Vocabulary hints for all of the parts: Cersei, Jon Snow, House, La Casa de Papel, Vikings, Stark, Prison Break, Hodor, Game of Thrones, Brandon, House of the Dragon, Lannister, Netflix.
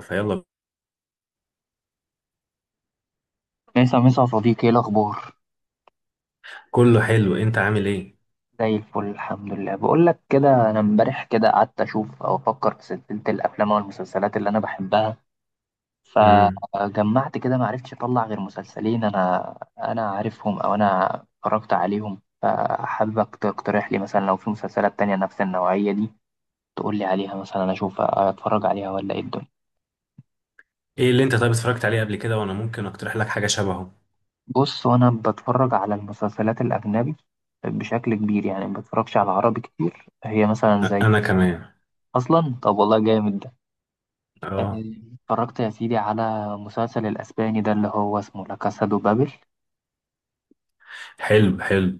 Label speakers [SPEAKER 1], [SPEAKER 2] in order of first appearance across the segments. [SPEAKER 1] فيلا.
[SPEAKER 2] مسا مسا يا صديقي، ايه الاخبار؟
[SPEAKER 1] كله حلو، انت عامل ايه؟
[SPEAKER 2] زي الفل الحمد لله. بقول لك كده، انا امبارح كده قعدت اشوف او افكر في سلسله الافلام والمسلسلات اللي انا بحبها،
[SPEAKER 1] امم
[SPEAKER 2] فجمعت كده ما عرفتش اطلع غير مسلسلين انا عارفهم او انا اتفرجت عليهم، فحاببك تقترح لي مثلا لو في مسلسلات تانية نفس النوعيه دي تقول لي عليها، مثلا انا اشوف اتفرج عليها ولا ايه الدنيا.
[SPEAKER 1] ايه اللي انت، طيب، اتفرجت عليه قبل كده وانا ممكن اقترح لك حاجه شبهه؟
[SPEAKER 2] بص، وانا بتفرج على المسلسلات الاجنبي بشكل كبير، يعني ما بتفرجش على عربي كتير. هي مثلا زي
[SPEAKER 1] انا كمان.
[SPEAKER 2] اصلا، طب والله جامد ده. آه،
[SPEAKER 1] اه.
[SPEAKER 2] اتفرجت يا سيدي على مسلسل الاسباني ده اللي هو اسمه لا كاسا دو بابل،
[SPEAKER 1] حلو حلو.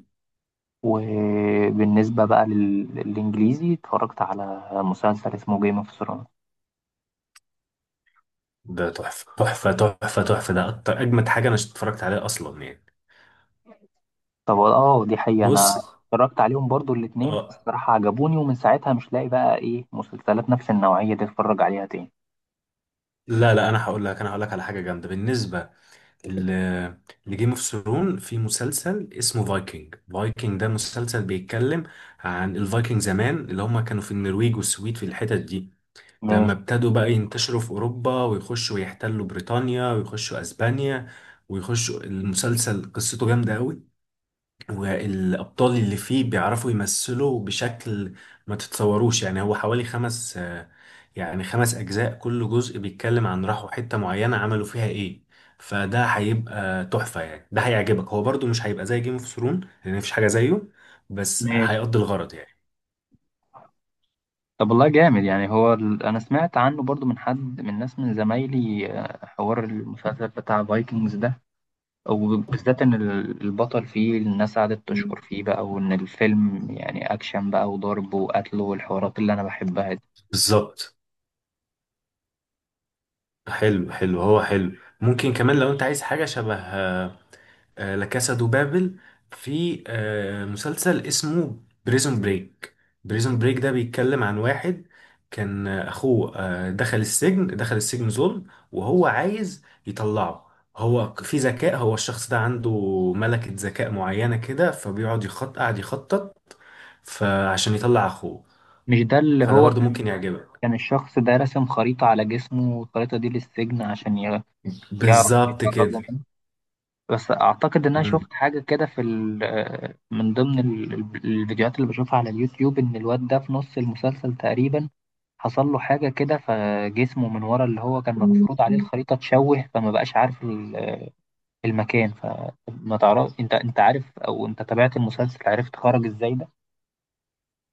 [SPEAKER 2] وبالنسبه بقى للانجليزي اتفرجت على مسلسل اسمه جيم اوف ثرونز.
[SPEAKER 1] ده تحفه تحفه تحفه تحفه، ده اكتر اجمد حاجه انا اتفرجت عليها اصلا يعني.
[SPEAKER 2] طب اه، دي حقيقه، انا
[SPEAKER 1] بص.
[SPEAKER 2] اتفرجت عليهم برضو الاتنين،
[SPEAKER 1] اه.
[SPEAKER 2] الصراحه عجبوني، ومن ساعتها مش لاقي بقى ايه مسلسلات نفس النوعيه دي اتفرج عليها تاني.
[SPEAKER 1] لا، انا هقول لك على حاجه جامده بالنسبه ل- لجيم اوف ثرون. في مسلسل اسمه فايكنج. فايكنج ده مسلسل بيتكلم عن الفايكنج زمان، اللي هم كانوا في النرويج والسويد في الحتت دي. لما
[SPEAKER 2] ماشي.
[SPEAKER 1] ابتدوا بقى ينتشروا في أوروبا ويخشوا ويحتلوا بريطانيا ويخشوا أسبانيا ويخشوا، المسلسل قصته جامدة قوي، والأبطال اللي فيه بيعرفوا يمثلوا بشكل ما تتصوروش. يعني هو حوالي خمس يعني خمس أجزاء، كل جزء بيتكلم عن راحوا حتة معينة عملوا فيها إيه. فده هيبقى تحفة يعني، ده هيعجبك. هو برضو مش هيبقى زي جيم اوف ثرون لأن مفيش حاجة زيه، بس
[SPEAKER 2] ماشي.
[SPEAKER 1] هيقضي الغرض يعني.
[SPEAKER 2] طب والله جامد يعني. هو انا سمعت عنه برضو من حد من ناس من زمايلي، حوار المسلسل بتاع فايكنجز ده، وبالذات إن البطل فيه الناس قعدت
[SPEAKER 1] مم.
[SPEAKER 2] تشكر فيه بقى، وإن الفيلم يعني أكشن بقى وضرب وقتل والحوارات اللي أنا بحبها دي.
[SPEAKER 1] بالظبط. حلو حلو، هو حلو. ممكن كمان لو انت عايز حاجة شبه لا كاسا دو بابل، في مسلسل اسمه بريزون بريك. بريزون بريك ده بيتكلم عن واحد كان اخوه دخل السجن ظلم، وهو عايز يطلعه. هو في ذكاء، هو الشخص ده عنده ملكة ذكاء معينة كده، فبيقعد يخط، قاعد يخطط فعشان يطلع اخوه.
[SPEAKER 2] مش ده اللي
[SPEAKER 1] فده
[SPEAKER 2] هو
[SPEAKER 1] برضه
[SPEAKER 2] كان؟
[SPEAKER 1] ممكن يعجبك.
[SPEAKER 2] كان الشخص ده راسم خريطة على جسمه والخريطة دي للسجن عشان يعرف
[SPEAKER 1] بالظبط
[SPEAKER 2] يتفرغ
[SPEAKER 1] كده.
[SPEAKER 2] منه. بس أعتقد إن أنا شفت حاجة كده في من ضمن الفيديوهات اللي بشوفها على اليوتيوب، إن الواد ده في نص المسلسل تقريبا حصل له حاجة كده فجسمه من ورا، اللي هو كان مفروض عليه
[SPEAKER 1] مم.
[SPEAKER 2] الخريطة اتشوه فما بقاش عارف المكان. فما تعرف انت عارف او انت تابعت المسلسل، عرفت خرج ازاي ده؟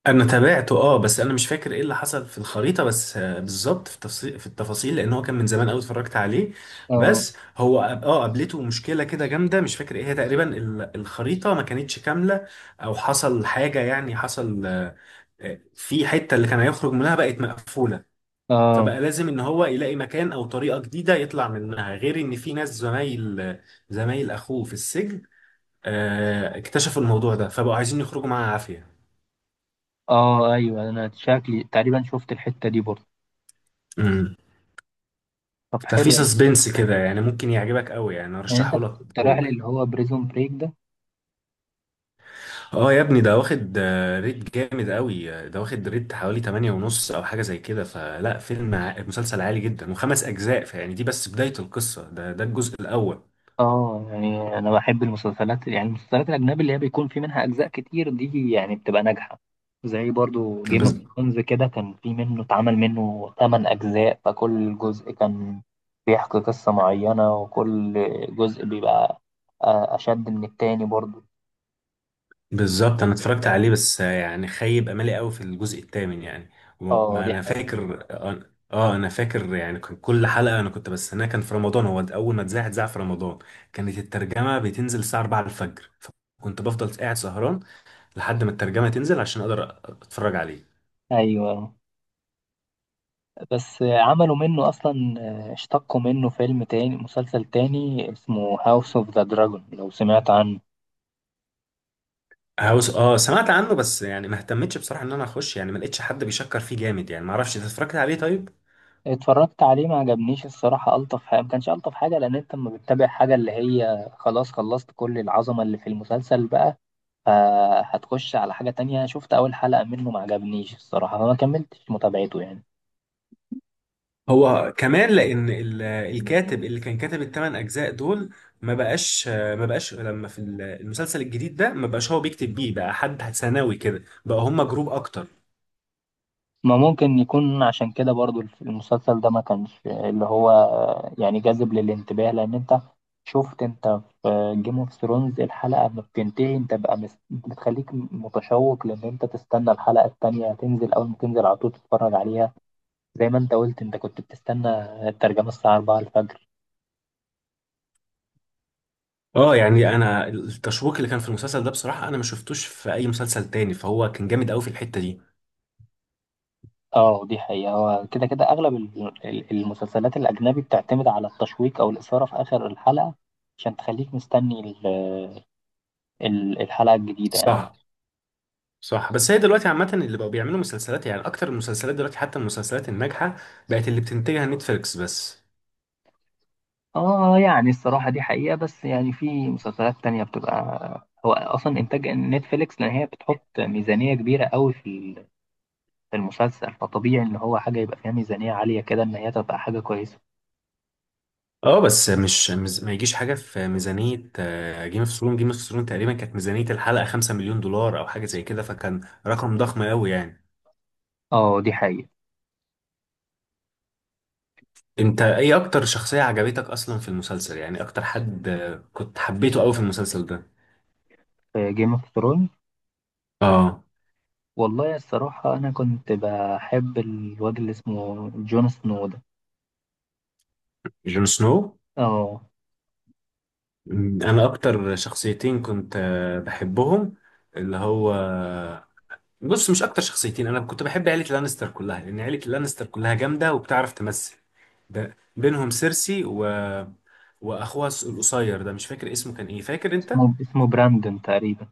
[SPEAKER 1] انا تابعته، اه، بس انا مش فاكر ايه اللي حصل في الخريطه بس بالظبط في التفاصيل، في التفاصيل، لان هو كان من زمان قوي اتفرجت عليه.
[SPEAKER 2] اه.
[SPEAKER 1] بس هو قابلته مشكله كده جامده، مش فاكر ايه هي تقريبا. الخريطه ما كانتش كامله، او حصل حاجه يعني، حصل في حته اللي كان هيخرج منها بقت مقفوله.
[SPEAKER 2] اه.
[SPEAKER 1] فبقى لازم ان هو يلاقي مكان او طريقه جديده يطلع منها، غير ان في ناس زمايل، اخوه في السجن اكتشفوا الموضوع ده، فبقوا عايزين يخرجوا معاه عافيه.
[SPEAKER 2] اه. ايوه، انا شكلي تقريبا شفت الحتة دي برضه. طب
[SPEAKER 1] ففي
[SPEAKER 2] حلو.
[SPEAKER 1] سسبنس كده يعني، ممكن يعجبك قوي يعني،
[SPEAKER 2] يعني انت
[SPEAKER 1] ارشحه لك
[SPEAKER 2] كنت رايح
[SPEAKER 1] بقوه يعني.
[SPEAKER 2] اللي هو بريزون بريك ده؟
[SPEAKER 1] اه يا ابني، ده واخد ريت جامد قوي ده واخد ريت حوالي 8 ونص او حاجه زي كده. فلا، فيلم، مسلسل عالي جدا، وخمس اجزاء. فيعني دي بس بدايه القصه، ده ده الجزء الاول
[SPEAKER 2] اه، يعني انا بحب المسلسلات، يعني المسلسلات الاجنبي اللي هي بيكون في منها اجزاء كتير دي، يعني بتبقى ناجحه. زي برضو جيم
[SPEAKER 1] بس.
[SPEAKER 2] اوف ثرونز كده، كان في منه اتعمل منه 8 اجزاء، فكل جزء كان بيحكي قصه معينه، وكل جزء بيبقى اشد من التاني برضو.
[SPEAKER 1] بالظبط. انا اتفرجت عليه، بس يعني خيب املي قوي في الجزء الثامن يعني.
[SPEAKER 2] اه
[SPEAKER 1] ما
[SPEAKER 2] دي
[SPEAKER 1] انا
[SPEAKER 2] حقيقه.
[SPEAKER 1] فاكر، اه، انا فاكر يعني كان كل حلقه انا كنت بستناها. كان في رمضان، هو اول ما اتذاع في رمضان، كانت الترجمه بتنزل الساعه 4 الفجر، فكنت بفضل قاعد سهران لحد ما الترجمه تنزل عشان اقدر اتفرج عليه.
[SPEAKER 2] ايوه بس عملوا منه اصلا، اشتقوا منه فيلم تاني، مسلسل تاني اسمه هاوس اوف ذا دراجون، لو سمعت عنه.
[SPEAKER 1] هاوس، اه سمعت عنه بس يعني ما اهتمتش بصراحه ان انا اخش، يعني ما لقيتش حد بيشكر فيه جامد يعني. ما اعرفش، انت اتفرجت عليه طيب؟
[SPEAKER 2] اتفرجت عليه ما عجبنيش الصراحة. ألطف حاجة، ما كانش ألطف حاجة، لأن أنت لما بتتابع حاجة اللي هي خلاص خلصت كل العظمة اللي في المسلسل بقى، فهتخش على حاجة تانية. شفت أول حلقة منه ما عجبنيش الصراحة، فما كملتش متابعته يعني.
[SPEAKER 1] هو كمان لان الكاتب اللي كان كاتب الثمان اجزاء دول ما بقاش لما في المسلسل الجديد ده. ما بقاش هو بيكتب بيه، بقى حد ثانوي كده، بقى هم جروب اكتر.
[SPEAKER 2] ما ممكن يكون عشان كده برضو المسلسل ده ما كانش اللي هو يعني جاذب للانتباه، لأن أنت شفت أنت في جيم اوف ثرونز، الحلقة ما بتنتهي أنت بقى بتخليك متشوق لأن أنت تستنى الحلقة التانية تنزل، أول ما تنزل على طول تتفرج عليها. زي ما انت قلت، انت كنت بتستنى الترجمة الساعة 4 الفجر.
[SPEAKER 1] اه يعني انا التشويق اللي كان في المسلسل ده بصراحة انا ما شفتوش في اي مسلسل تاني، فهو كان جامد قوي في الحتة دي.
[SPEAKER 2] اه دي حقيقة، هو كده كده اغلب المسلسلات الاجنبي بتعتمد على التشويق او الاثارة في اخر الحلقة عشان تخليك مستني الحلقة الجديدة يعني.
[SPEAKER 1] صح. صح. بس هي دلوقتي عامة اللي بقوا بيعملوا مسلسلات، يعني اكتر المسلسلات دلوقتي حتى المسلسلات الناجحة بقت اللي بتنتجها نتفليكس بس.
[SPEAKER 2] اه، يعني الصراحة دي حقيقة، بس يعني في مسلسلات تانية بتبقى هو اصلا انتاج نتفليكس، لان هي بتحط ميزانية كبيرة قوي في في المسلسل، فطبيعي ان هو حاجة يبقى فيها ميزانية عالية كده ان هي تبقى حاجة كويسة.
[SPEAKER 1] اه بس مش ما يجيش حاجه في ميزانيه جيم اوف ثرون. جيم اوف ثرون تقريبا كانت ميزانيه الحلقه 5 مليون دولار او حاجه زي كده، فكان رقم ضخم قوي يعني.
[SPEAKER 2] اه دي حقيقة.
[SPEAKER 1] انت ايه اكتر شخصيه عجبتك اصلا في المسلسل؟ يعني اكتر حد كنت حبيته قوي في المسلسل ده.
[SPEAKER 2] في جيم اوف،
[SPEAKER 1] اه.
[SPEAKER 2] والله الصراحة أنا كنت بحب الواد اللي اسمه جون سنو ده.
[SPEAKER 1] جون سنو.
[SPEAKER 2] اه.
[SPEAKER 1] انا اكتر شخصيتين كنت بحبهم، اللي هو، بص، مش اكتر شخصيتين، انا كنت بحب عيله لانستر كلها، لان عيله لانستر كلها جامده وبتعرف تمثل. بينهم سيرسي، و واخوها القصير ده، مش فاكر اسمه كان ايه، فاكر انت؟
[SPEAKER 2] اسمه اسمه براندون تقريبا.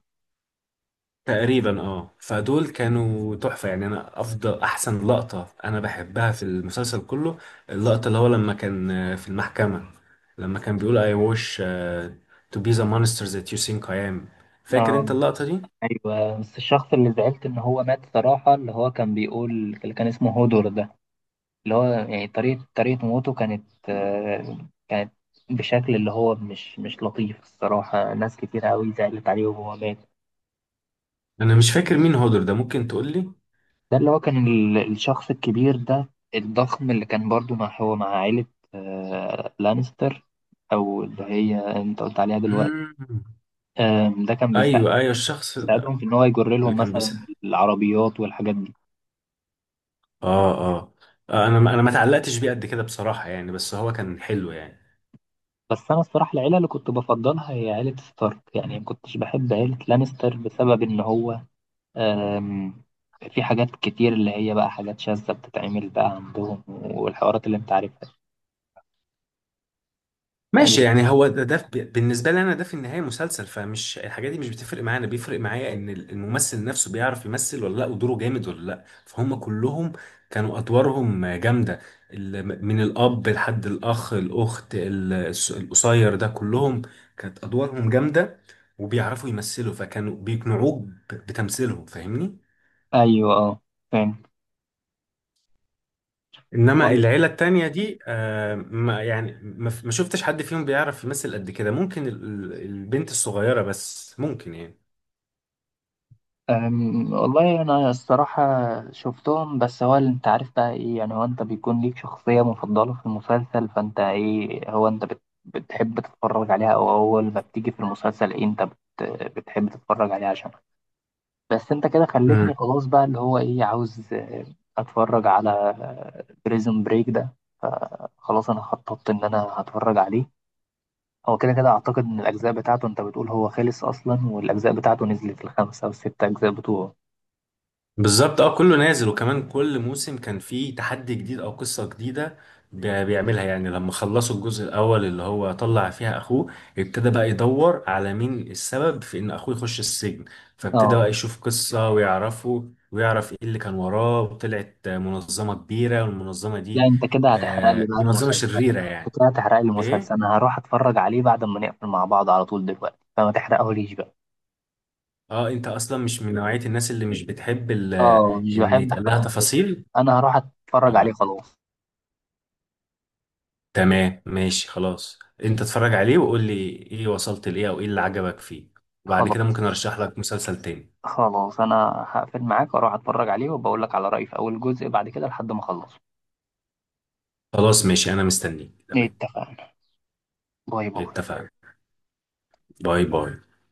[SPEAKER 1] تقريبا، اه. فدول كانوا تحفة يعني. انا افضل احسن لقطة انا بحبها في المسلسل كله، اللقطة اللي هو لما كان في المحكمة لما كان بيقول I wish to be the monster that you think I am. فاكر انت
[SPEAKER 2] اه،
[SPEAKER 1] اللقطة دي؟
[SPEAKER 2] أيوة. بس الشخص اللي زعلت إن هو مات صراحة، اللي هو كان بيقول، اللي كان اسمه هودور ده، اللي هو يعني طريقة موته كانت آه، كانت بشكل اللي هو مش لطيف الصراحة، ناس كتير أوي زعلت عليه وهو مات.
[SPEAKER 1] انا مش فاكر مين هودر ده، ممكن تقول لي؟
[SPEAKER 2] ده اللي هو كان الشخص الكبير ده الضخم، اللي كان برضو مع، هو مع عائلة لانستر، أو اللي هي أنت قلت عليها دلوقتي.
[SPEAKER 1] مم.
[SPEAKER 2] ده كان بيساعد،
[SPEAKER 1] ايوه ايوه الشخص
[SPEAKER 2] بيساعدهم
[SPEAKER 1] ده،
[SPEAKER 2] في إن هو يجر
[SPEAKER 1] اللي
[SPEAKER 2] لهم
[SPEAKER 1] كان
[SPEAKER 2] مثلا
[SPEAKER 1] بيسأل.
[SPEAKER 2] العربيات والحاجات دي.
[SPEAKER 1] اه اه. انا انا ما تعلقتش بيه قد كده بصراحة يعني، بس هو كان حلو يعني.
[SPEAKER 2] بس أنا الصراحة العيلة اللي كنت بفضلها هي عيلة ستارك، يعني ما كنتش بحب عيلة لانستر بسبب إن هو، آم، في حاجات كتير اللي هي بقى حاجات شاذة بتتعمل بقى عندهم، والحوارات اللي أنت عارفها.
[SPEAKER 1] ماشي. يعني هو ده، ده بالنسبة لي أنا، ده في النهاية مسلسل، فمش الحاجات دي مش بتفرق معايا. أنا بيفرق معايا إن الممثل نفسه بيعرف يمثل ولا لأ، ودوره جامد ولا لأ. فهم كلهم كانوا أدوارهم جامدة، من الأب لحد الأخ، الأخت، القصير ده، كلهم كانت أدوارهم جامدة، وبيعرفوا يمثلوا، فكانوا بيقنعوك بتمثيلهم. فاهمني؟
[SPEAKER 2] أيوه أه، فاهم.
[SPEAKER 1] انما العيله التانية دي، آه، ما يعني، ما شفتش حد فيهم بيعرف يمثل قد كده، ممكن البنت الصغيره بس ممكن يعني.
[SPEAKER 2] والله أنا الصراحة شفتهم، بس هو اللي أنت عارف بقى إيه، يعني هو أنت بيكون ليك شخصية مفضلة في المسلسل، فأنت إيه، هو أنت بتحب تتفرج عليها، أو أول ما بتيجي في المسلسل إيه أنت بتحب تتفرج عليها عشان. بس أنت كده خلتني خلاص بقى، اللي هو إيه، عاوز أتفرج على بريزون بريك ده، فخلاص أنا خططت إن أنا هتفرج عليه. هو كده كده أعتقد إن الأجزاء بتاعته، أنت بتقول هو خلص أصلا، والأجزاء بتاعته نزلت الخمسة أو الست أجزاء بتوعه.
[SPEAKER 1] بالظبط. اه كله نازل، وكمان كل موسم كان فيه تحدي جديد او قصة جديدة بيعملها يعني. لما خلصوا الجزء الاول اللي هو طلع فيها اخوه، ابتدى بقى يدور على مين السبب في ان اخوه يخش السجن، فابتدى
[SPEAKER 2] اه.
[SPEAKER 1] بقى يشوف قصة ويعرفه، ويعرف ايه اللي كان وراه، وطلعت منظمة كبيرة، والمنظمة
[SPEAKER 2] لا،
[SPEAKER 1] دي
[SPEAKER 2] انت كده هتحرق لي
[SPEAKER 1] آه
[SPEAKER 2] بقى
[SPEAKER 1] منظمة
[SPEAKER 2] المسلسل.
[SPEAKER 1] شريرة
[SPEAKER 2] انت
[SPEAKER 1] يعني.
[SPEAKER 2] كده هتحرق لي المسلسل،
[SPEAKER 1] ايه؟
[SPEAKER 2] انا هروح اتفرج عليه بعد ما نقفل مع بعض على طول دلوقتي، فما تحرقهوليش بقى.
[SPEAKER 1] اه انت اصلا مش من نوعية الناس اللي مش بتحب
[SPEAKER 2] اه، مش
[SPEAKER 1] ان
[SPEAKER 2] بحب
[SPEAKER 1] يتقال
[SPEAKER 2] احرق
[SPEAKER 1] لها
[SPEAKER 2] المسلسل.
[SPEAKER 1] تفاصيل.
[SPEAKER 2] انا هروح اتفرج عليه
[SPEAKER 1] آه.
[SPEAKER 2] خلاص.
[SPEAKER 1] تمام ماشي خلاص. انت اتفرج عليه وقول لي ايه، وصلت لايه او ايه اللي عجبك فيه، وبعد كده
[SPEAKER 2] خلاص.
[SPEAKER 1] ممكن ارشح لك مسلسل تاني.
[SPEAKER 2] خلاص انا هقفل معاك واروح اتفرج عليه، وبقول لك على رأيي في اول جزء بعد كده لحد ما اخلصه.
[SPEAKER 1] خلاص ماشي، انا مستنيك. تمام،
[SPEAKER 2] اتفقنا. باي باي.
[SPEAKER 1] اتفقنا. باي باي.